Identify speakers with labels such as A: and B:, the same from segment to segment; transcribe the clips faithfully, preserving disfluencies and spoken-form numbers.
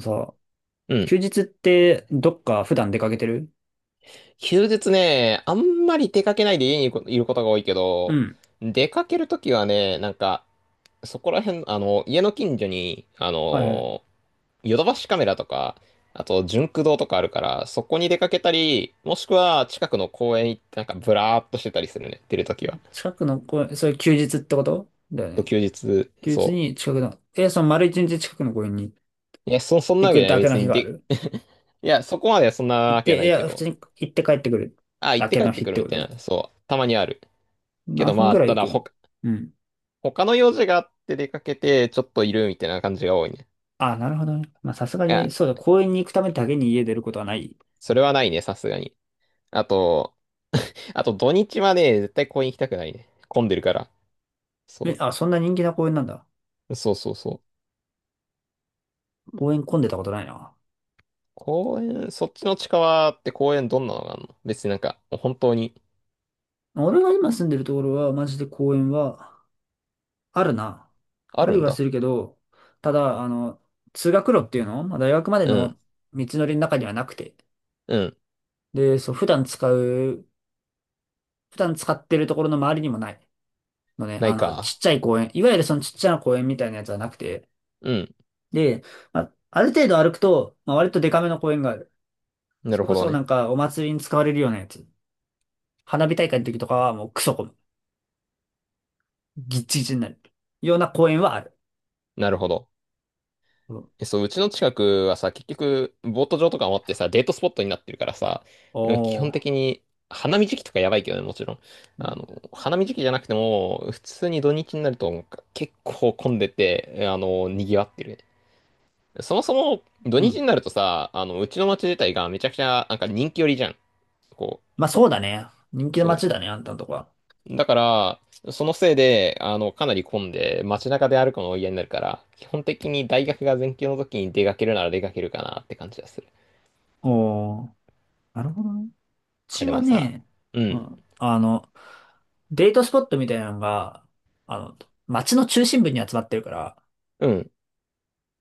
A: さ、
B: うん。
A: 休日ってどっか普段出かけてる？
B: 休日ね、あんまり出かけないで家にいることが多いけ
A: う
B: ど、
A: ん。
B: 出かけるときはね、なんか、そこら辺、あの、家の近所に、あ
A: はいはい。
B: の、ヨドバシカメラとか、あと、ジ駆動とかあるから、そこに出かけたり、もしくは近くの公園行って、なんか、ブラーっとしてたりするね、出るときは。
A: 近くの公園、それ休日ってことだよね？
B: 休日、
A: 休日
B: そ
A: に近くの、え、その丸一日近くの公園に
B: う。いや、そ、そんな
A: 行
B: わけじ
A: く
B: ゃない、
A: だけの
B: 別
A: 日
B: に
A: があ
B: で、
A: る？
B: いや、そこまではそんな
A: 行っ
B: わけじゃ
A: て、
B: な
A: い
B: いけ
A: や、普
B: ど。
A: 通に行って帰ってくる
B: あ、行っ
A: だ
B: て
A: け
B: 帰っ
A: の
B: て
A: 日っ
B: くる
A: て
B: み
A: こ
B: たい
A: と？
B: な。そう。たまにある。け
A: 何
B: ど
A: 分
B: まあ、
A: くら
B: た
A: い
B: だ、
A: 行くの？
B: ほ、
A: うん。
B: 他の用事があって出かけて、ちょっといるみたいな感じが多いね。
A: あ、なるほどね。まあ、さすが
B: い
A: に、
B: や、
A: そうだ、公園に行くためだけに家出ることはない。
B: それはないね、さすがに。あと、あと土日はね、絶対公園行きたくないね。混んでるから。
A: え、
B: そ
A: あ、そんな人気な公園なんだ。
B: う。そうそうそう。
A: 公園混んでたことないな。
B: 公園、そっちの近場って公園どんなのがあるの？別になんか、本当に
A: 俺が今住んでるところは、マジで公園は、あるな。
B: あ
A: あり
B: るん
A: はす
B: だ。
A: るけど、ただ、あの、通学路っていうの、まあ、大学まで
B: うん、
A: の道のりの中にはなくて。
B: うん、
A: で、そう、普段使う、普段使ってるところの周りにもないのね、
B: な
A: あ
B: い
A: の、
B: か。
A: ちっちゃい公園、いわゆるそのちっちゃな公園みたいなやつはなくて。
B: うん、
A: で、まあ、ある程度歩くと、まあ、割とデカめの公園がある。
B: な
A: そ
B: る
A: れこ
B: ほど
A: そな
B: ね。
A: んかお祭りに使われるようなやつ。花火大会の時とかはもうクソ混む。ギッチギチになる。ような公園はある。
B: なるほど。
A: うん。
B: えそう、うちの近くはさ、結局、ボート場とかもあってさ、デートスポットになってるからさ、うん基
A: お
B: 本
A: ー。
B: 的に、花見時期とかやばいけどね、もちろん。
A: う
B: あ
A: ん。
B: の、花見時期じゃなくても、普通に土日になると結構混んでて、あの、賑わってるね。そもそも、土
A: う
B: 日
A: ん。
B: になるとさ、あの、うちの町自体がめちゃくちゃ、なんか人気寄りじゃん。こ
A: まあそうだね。人
B: う、
A: 気の
B: そ
A: 街だね、あんたのとこは。
B: う。だから、そのせいで、あの、かなり混んで、街中で歩くのが嫌になるから、基本的に大学が全休の時に出かけるなら出かけるかなって感じです。
A: おー、なるほどね。う
B: や、
A: ち
B: で
A: は
B: もさ、
A: ね、
B: う
A: う
B: ん、
A: ん、あの、デートスポットみたいなのが、あの、街の中心部に集まってるから、
B: うん。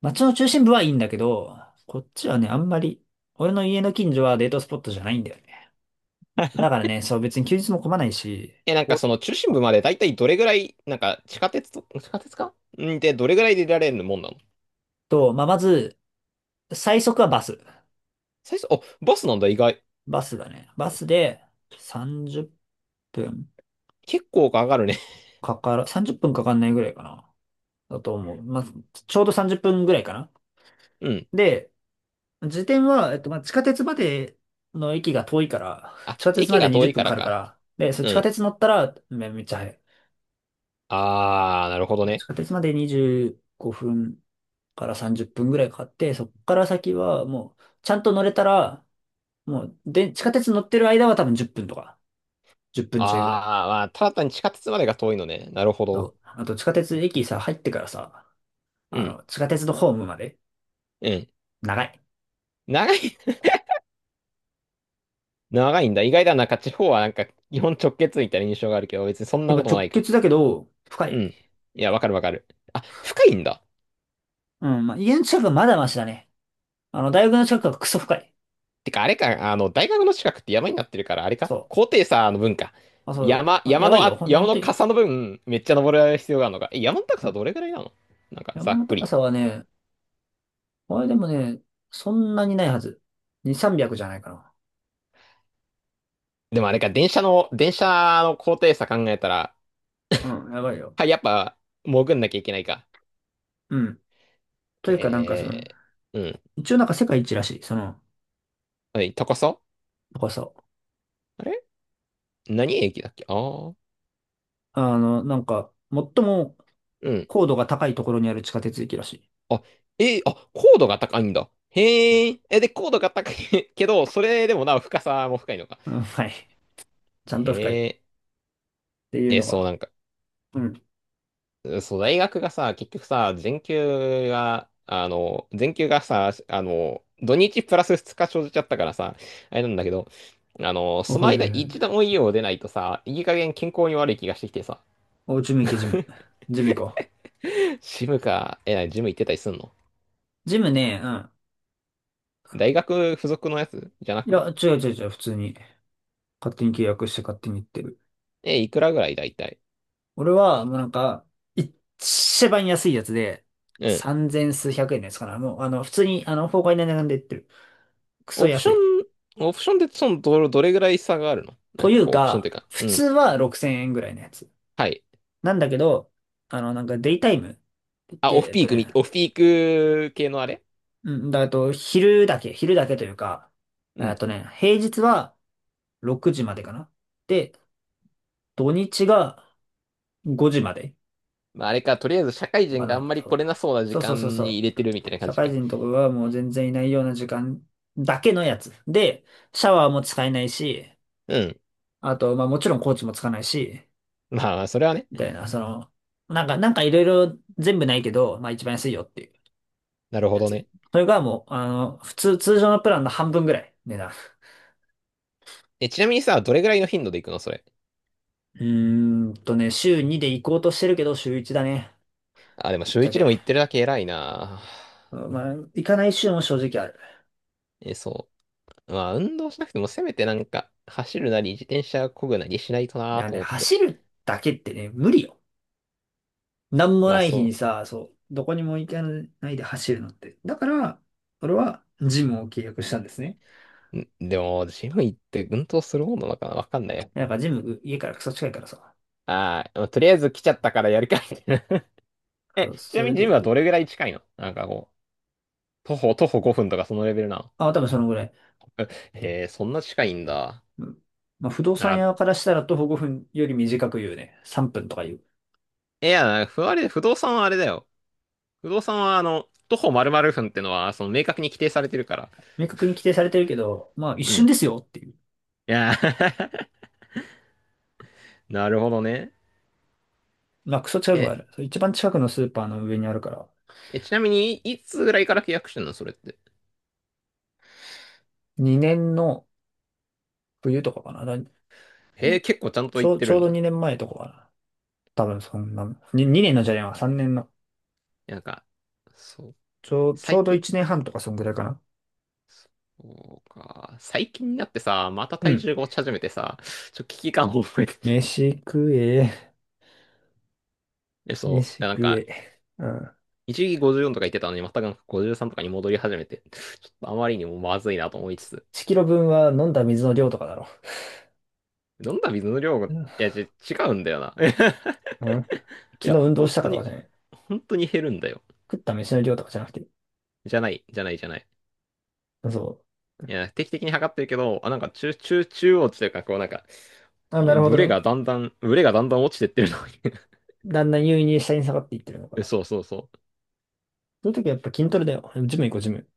A: 街の中心部はいいんだけど、こっちはね、あんまり、俺の家の近所はデートスポットじゃないんだよね。だからね、そう別に休日も混まないし、
B: え、なんか
A: おっ
B: その中心部までだいたいどれぐらい、なんか地下鉄と、地下鉄かうんで、どれぐらいで出られるもんなの？
A: と、まあ、まず、最速はバス。
B: 最初、お、バスなんだ、意外。
A: バスだね。バスで30分
B: 結構かかるね。
A: かから、さんじゅっぷんかかんないぐらいかな。だと思う。まあ、ちょうどさんじゅっぷんぐらいかな。
B: うん。
A: で、時点は、えっと、まあ、地下鉄までの駅が遠いから、
B: あ、
A: 地下鉄
B: 駅
A: ま
B: が
A: で
B: 遠
A: 20
B: い
A: 分
B: か
A: か
B: ら
A: かるか
B: か。
A: ら、で、それ
B: う
A: 地下
B: ん。
A: 鉄乗ったらめ、めっちゃ早い。
B: あー、なるほど
A: 地
B: ね。
A: 下鉄までにじゅうごふんからさんじゅっぷんぐらいかかって、そっから先はもう、ちゃんと乗れたら、もう、で、地下鉄乗ってる間は多分じゅっぷんとか、じゅっぷんちょいぐらい。
B: あー、まあ、ただ単に地下鉄までが遠いのね。なるほ
A: そ
B: ど。
A: う。あと、地下鉄駅さ、入ってからさ、
B: う
A: あ
B: ん、
A: の、地下鉄のホームまで、
B: うん。
A: 長い。
B: 長い、長いんだ。意外だな。なんか地方はなんか、基本直結みたいな印象があるけど、別にそん
A: や
B: な
A: っ
B: こ
A: ぱ
B: とも
A: 直
B: ないか。
A: 結だけど、深
B: う
A: い。
B: ん。いや、わかるわかる。あ、深いんだ。
A: うん、まあ、家の近くはまだマシだね。あの、大学の近くはクソ深い。
B: てか、あれか、あの、大学の近くって山になってるから、あれか、
A: そう。
B: 高低差の分か。
A: まあ、そう。
B: 山、
A: まあや
B: 山
A: ばい
B: の、
A: よ。
B: あ、
A: ほん、ほ
B: 山
A: ん
B: の
A: とに。
B: 傘の分、めっちゃ登る必要があるのか。え、山の高
A: う
B: さ
A: ん。
B: どれぐらいなの？なんか、ざ
A: 山
B: っ
A: の
B: く
A: 高
B: り。
A: さはね、あれでもね、そんなにないはず。に、さんびゃくじゃないかな。
B: でもあれか、電車の、電車の高低差考えたら、
A: うん、やばいよ。
B: はい、やっぱ、潜んなきゃいけないか。
A: うん。と
B: へ
A: いうか、なんかその、
B: え、うん。
A: 一応なんか世界一らしい、その
B: はい、高さ
A: 高さ。
B: あれ何駅だっけ？ああー、
A: あの、なんか、最も
B: うん。
A: 高度が高いところにある地下鉄駅らしい。
B: あ、えーあ、高度が高いんだ。へえ、え、で、高度が高い けど、それでもなお深さも深いのか。
A: うん、はい。ちゃん
B: へ
A: と深い。っ
B: え、
A: ていう
B: え、
A: の
B: そう
A: が。
B: なんか？
A: うん。
B: そう、大学がさ、結局さ、全休が、あの、全休がさ、あの、土日プラスふつか生じちゃったからさ、あれなんだけど、あの、
A: お、
B: その
A: はい
B: 間
A: はいは
B: 一度
A: い。
B: も家を出ないとさ、いい加減健康に悪い気がしてきてさ、
A: お、ジム行け、ジム。ジム行こ
B: ジムか、え、なにジム行ってたりすんの？
A: う。ジムね、うん。
B: 大学付属のやつじゃな
A: いや、
B: く、
A: 違う違う違う、普通に。勝手に契約して勝手に行ってる。
B: え、いくらぐらいだいたい？
A: 俺は、もうなんか、一番安いやつで、
B: うん。
A: さんぜん数百円のやつかな。もう、あの、普通に、あの、崩壊の値段で売ってる。クソ
B: オプシ
A: 安
B: ョ
A: い。
B: ン、オプションでその、ど、どれぐらい差があるの？な
A: と
B: ん
A: い
B: か
A: う
B: こう、オプションっていう
A: か、
B: か、
A: 普
B: う
A: 通
B: ん。
A: はろくせんえんぐらいのやつ。
B: はい。
A: なんだけど、あの、なんか、デイタイムって言っ
B: あ、
A: て、
B: オフ
A: えっ
B: ピー
A: と
B: クみ、
A: ね、
B: オフピーク系のあれ？
A: うん、だあと、昼だけ、昼だけというか、
B: う
A: あ
B: ん
A: とね、平日はろくじまでかな。で、土日がごじまで。
B: まあ、あれか、とりあえず社会
A: あ
B: 人があん
A: の、
B: まり
A: そ
B: 来
A: う。
B: れなそうな時
A: そうそうそう
B: 間
A: そ
B: に
A: う。
B: 入れてるみたいな感
A: 社
B: じ
A: 会
B: か。
A: 人とかがもう全然いないような時間だけのやつ。で、シャワーも使えないし、
B: うん。
A: あと、まあもちろんコーチもつかないし、
B: まあまあ、それはね。
A: みたいな、その、なんか、なんかいろいろ全部ないけど、まあ一番安いよっていう
B: なるほ
A: や
B: ど
A: つ。
B: ね。
A: それがもう、あの、普通、通常のプランの半分ぐらい、値段。
B: え、ちなみにさ、どれぐらいの頻度で行くのそれ。
A: うーんとね、週にで行こうとしてるけど、週いちだね。
B: あ、でも
A: ぶっ
B: 週
A: ちゃ
B: 一で
A: け。
B: も行ってるだけ偉いな。
A: まあ、行かない週も正直ある。
B: え、そう。まあ、運動しなくてもせめてなんか、走るなり自転車漕ぐなりしないと
A: い
B: な
A: や
B: と
A: ね、
B: 思って。
A: 走るだけってね、無理よ。なんも
B: ま
A: な
B: あ
A: い日に
B: そ
A: さ、そう、どこにも行かないで走るのって。だから、俺はジムを契約したんですね。
B: う。んでも、ジム行って運動するもんなのかな？わかんないや。
A: なんかジム、家からクソ近いからさ。
B: ああ、とりあえず来ちゃったからやるかみたいな。え、
A: そう、
B: ちな
A: そ
B: み
A: れ
B: にジ
A: で、
B: ムはどれぐらい近いの？なんかこう、徒歩、徒歩ごふんとかそのレベルなの？
A: あ、多分そのぐらい。
B: へえ、そんな近いんだ。
A: うん。まあ、不動
B: な
A: 産
B: ら、
A: 屋からしたら徒歩ごふんより短く言うね。さんぷんとか言う。
B: いや、ふあれ、不動産はあれだよ。不動産は、あの、徒歩〇〇分ってのは、その、明確に規定されてるから。
A: 明確に規定されてるけど、まあ一
B: うん。
A: 瞬
B: い
A: ですよっていう。
B: や、なるほどね。
A: まあクソ近くはあ
B: え、
A: る。そう一番近くのスーパーの上にあるから、
B: え、ちなみに、いつぐらいから契約してんのそれって。
A: にねんの冬とかかな。だ
B: へえ、結構ちゃんと
A: ち
B: 言っ
A: ょう、
B: て
A: ち
B: る
A: ょう
B: ん
A: ど
B: だ。
A: にねんまえとかかな。多分そんな、ににねんのじゃねえわ、さんねんの。
B: なんか、そう、
A: ちょう、ちょ
B: 最
A: うど
B: 近。
A: いちねんはんとかそんぐらいかな。
B: そうか。最近になってさ、また
A: う
B: 体
A: ん。
B: 重が落ち始めてさ、ちょっと危機感を覚えて。
A: 飯食え、
B: で、
A: 飯
B: そう。なん
A: 食
B: か、
A: え。うん。
B: 一時期ごじゅうよんとか言ってたのに、またなんかごじゅうさんとかに戻り始めて、ちょっとあまりにもまずいなと思いつつ、
A: いちキロぶんは飲んだ水の量とかだろ。
B: 飲んだ水の量が、い
A: うん。
B: や、ち、違うんだよな。
A: うん。
B: い
A: 昨日
B: や、
A: 運動
B: 本
A: した
B: 当
A: かとか
B: に、
A: じゃない。
B: 本当に減るんだよ。
A: 食った飯の量とかじゃなくて。
B: じゃない、じゃない、じゃない。
A: そう。
B: いや、定期的に測ってるけど、あ、なんか中、中、中央値というか、こうなんか、
A: あ、なるほど
B: ブレが
A: ね。
B: だんだん、ブレがだんだん落ちてってるの
A: だんだん優位に下に下がっていってるの
B: に
A: か。
B: そうそうそう。
A: そういう時はやっぱ筋トレだよ。ジム行こう、ジム。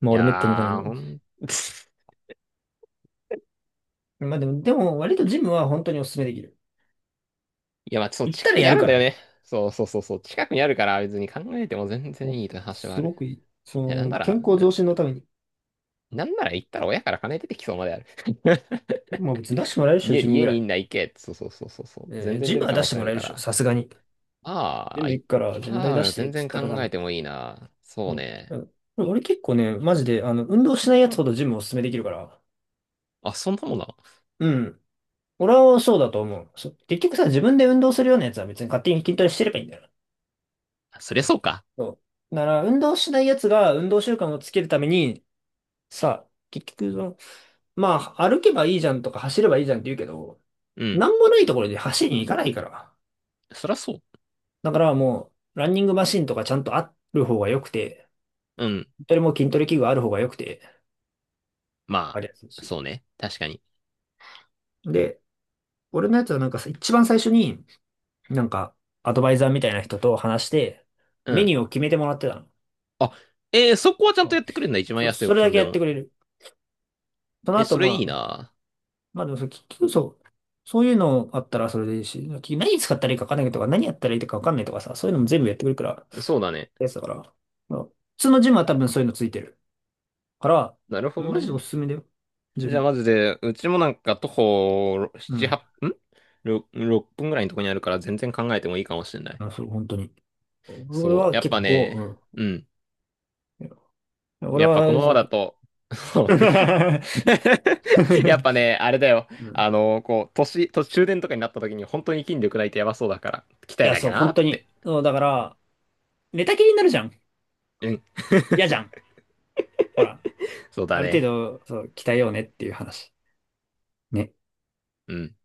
A: まあ
B: い
A: 俺めったに行かないん
B: や
A: だ
B: ー、
A: よ
B: ほん、
A: ね。
B: い
A: まあでも、でも割とジムは本当にお勧めできる。
B: や、まあ、そう、
A: 行っ
B: 近
A: たら
B: くに
A: や
B: あ
A: る
B: るん
A: か
B: だ
A: ら
B: よ
A: ね。
B: ね。そうそうそうそう。近くにあるから、別に考えても全然
A: お、
B: いいという話は
A: す
B: ある。
A: ごくいい。そ
B: いや、なん
A: の、
B: なら、
A: 健康増進のために。
B: なんなら行ったら親から金出てきそうまである
A: まあ別に出してもらえるでしょ、
B: 家、
A: ジムぐ
B: 家
A: ら
B: にい
A: い。
B: んな行けって。そうそうそうそうそう。
A: え
B: 全
A: ー
B: 然
A: ジ
B: 出
A: ム
B: る
A: は
B: 可
A: 出
B: 能
A: して
B: 性あ
A: もら
B: る
A: える
B: か
A: でしょ、さ
B: ら。
A: すがに。ジ
B: まあ、
A: ム
B: い
A: 行くから、ジム代出
B: まあ、
A: してっ
B: 全
A: つっ
B: 然
A: た
B: 考
A: ら多
B: え
A: 分。
B: てもいいな。
A: う
B: そう
A: ん。う
B: ね。
A: ん。俺結構ね、マジで、あの、運動しないやつほどジムおすすめできるから。
B: あ、そんなもんなの？
A: うん。俺はそうだと思う。そ結局さ、自分で運動するようなやつは別に勝手に筋トレしてればいいんだよな。
B: そりゃそうか。
A: そう。だから、運動しないやつが運動習慣をつけるために、さ、結局その、まあ、歩けばいいじゃんとか走ればいいじゃんって言うけど、
B: うん。
A: なんもないところで走りに行かないから。
B: そりゃそう。
A: だからもう、ランニングマシンとかちゃんとある方が良くて、
B: うん。
A: 筋トレも筋トレ器具ある方が良くて、わか
B: ま
A: りやすい
B: あ、
A: し。
B: そうね。確かに。
A: で、俺のやつはなんかさ一番最初に、なんか、アドバイザーみたいな人と話して、
B: う
A: メニ
B: ん。
A: ューを決めてもらってたの。
B: あ、えー、そこはちゃ
A: う
B: んと
A: ん。
B: やってくれるんだ。一番
A: そ、
B: 安いオ
A: それ
B: プシ
A: だ
B: ョン
A: け
B: で
A: やって
B: も。
A: くれる。その
B: え、
A: 後、
B: それい
A: ま
B: い
A: あ、
B: な。
A: まあでもそれ、結局そう、そういうのあったらそれでいいし、結局何使ったらいいか分かんないとか、何やったらいいか分かんないとかさ、そういうのも全部やってくれるから、
B: そうだね。
A: やつだから、まあ普通のジムは多分そういうのついてる。から、
B: なるほど
A: マジで
B: ね。
A: おすすめだよ。自
B: じゃあ、
A: 分。
B: マジで、うちもなんか徒歩なな、
A: うん。
B: はちんろ ?ろく 分ぐらいのとこにあるから全然考えてもいいかもしれない。
A: あ、そう、本当に。俺
B: そう。
A: は
B: やっ
A: 結
B: ぱ
A: 構、う
B: ね、
A: ん。
B: うん。
A: 俺
B: やっぱこ
A: は、
B: のま
A: そ
B: ま
A: う
B: だ
A: と。
B: と、そ う
A: う
B: やっぱ
A: ん。
B: ね、あれだよ。あの、こう、年、途中電とかになった時に本当に筋力ないとやばそうだから、鍛
A: い
B: え
A: や、
B: なき
A: そ
B: ゃ
A: う、
B: な
A: 本
B: っ
A: 当
B: て。
A: に。そう、だから、寝たきりになるじゃん。
B: うん。
A: 嫌じゃ ん。ほら、
B: そうだ
A: ある程
B: ね。
A: 度、そう、鍛えようねっていう話。ね。
B: うん。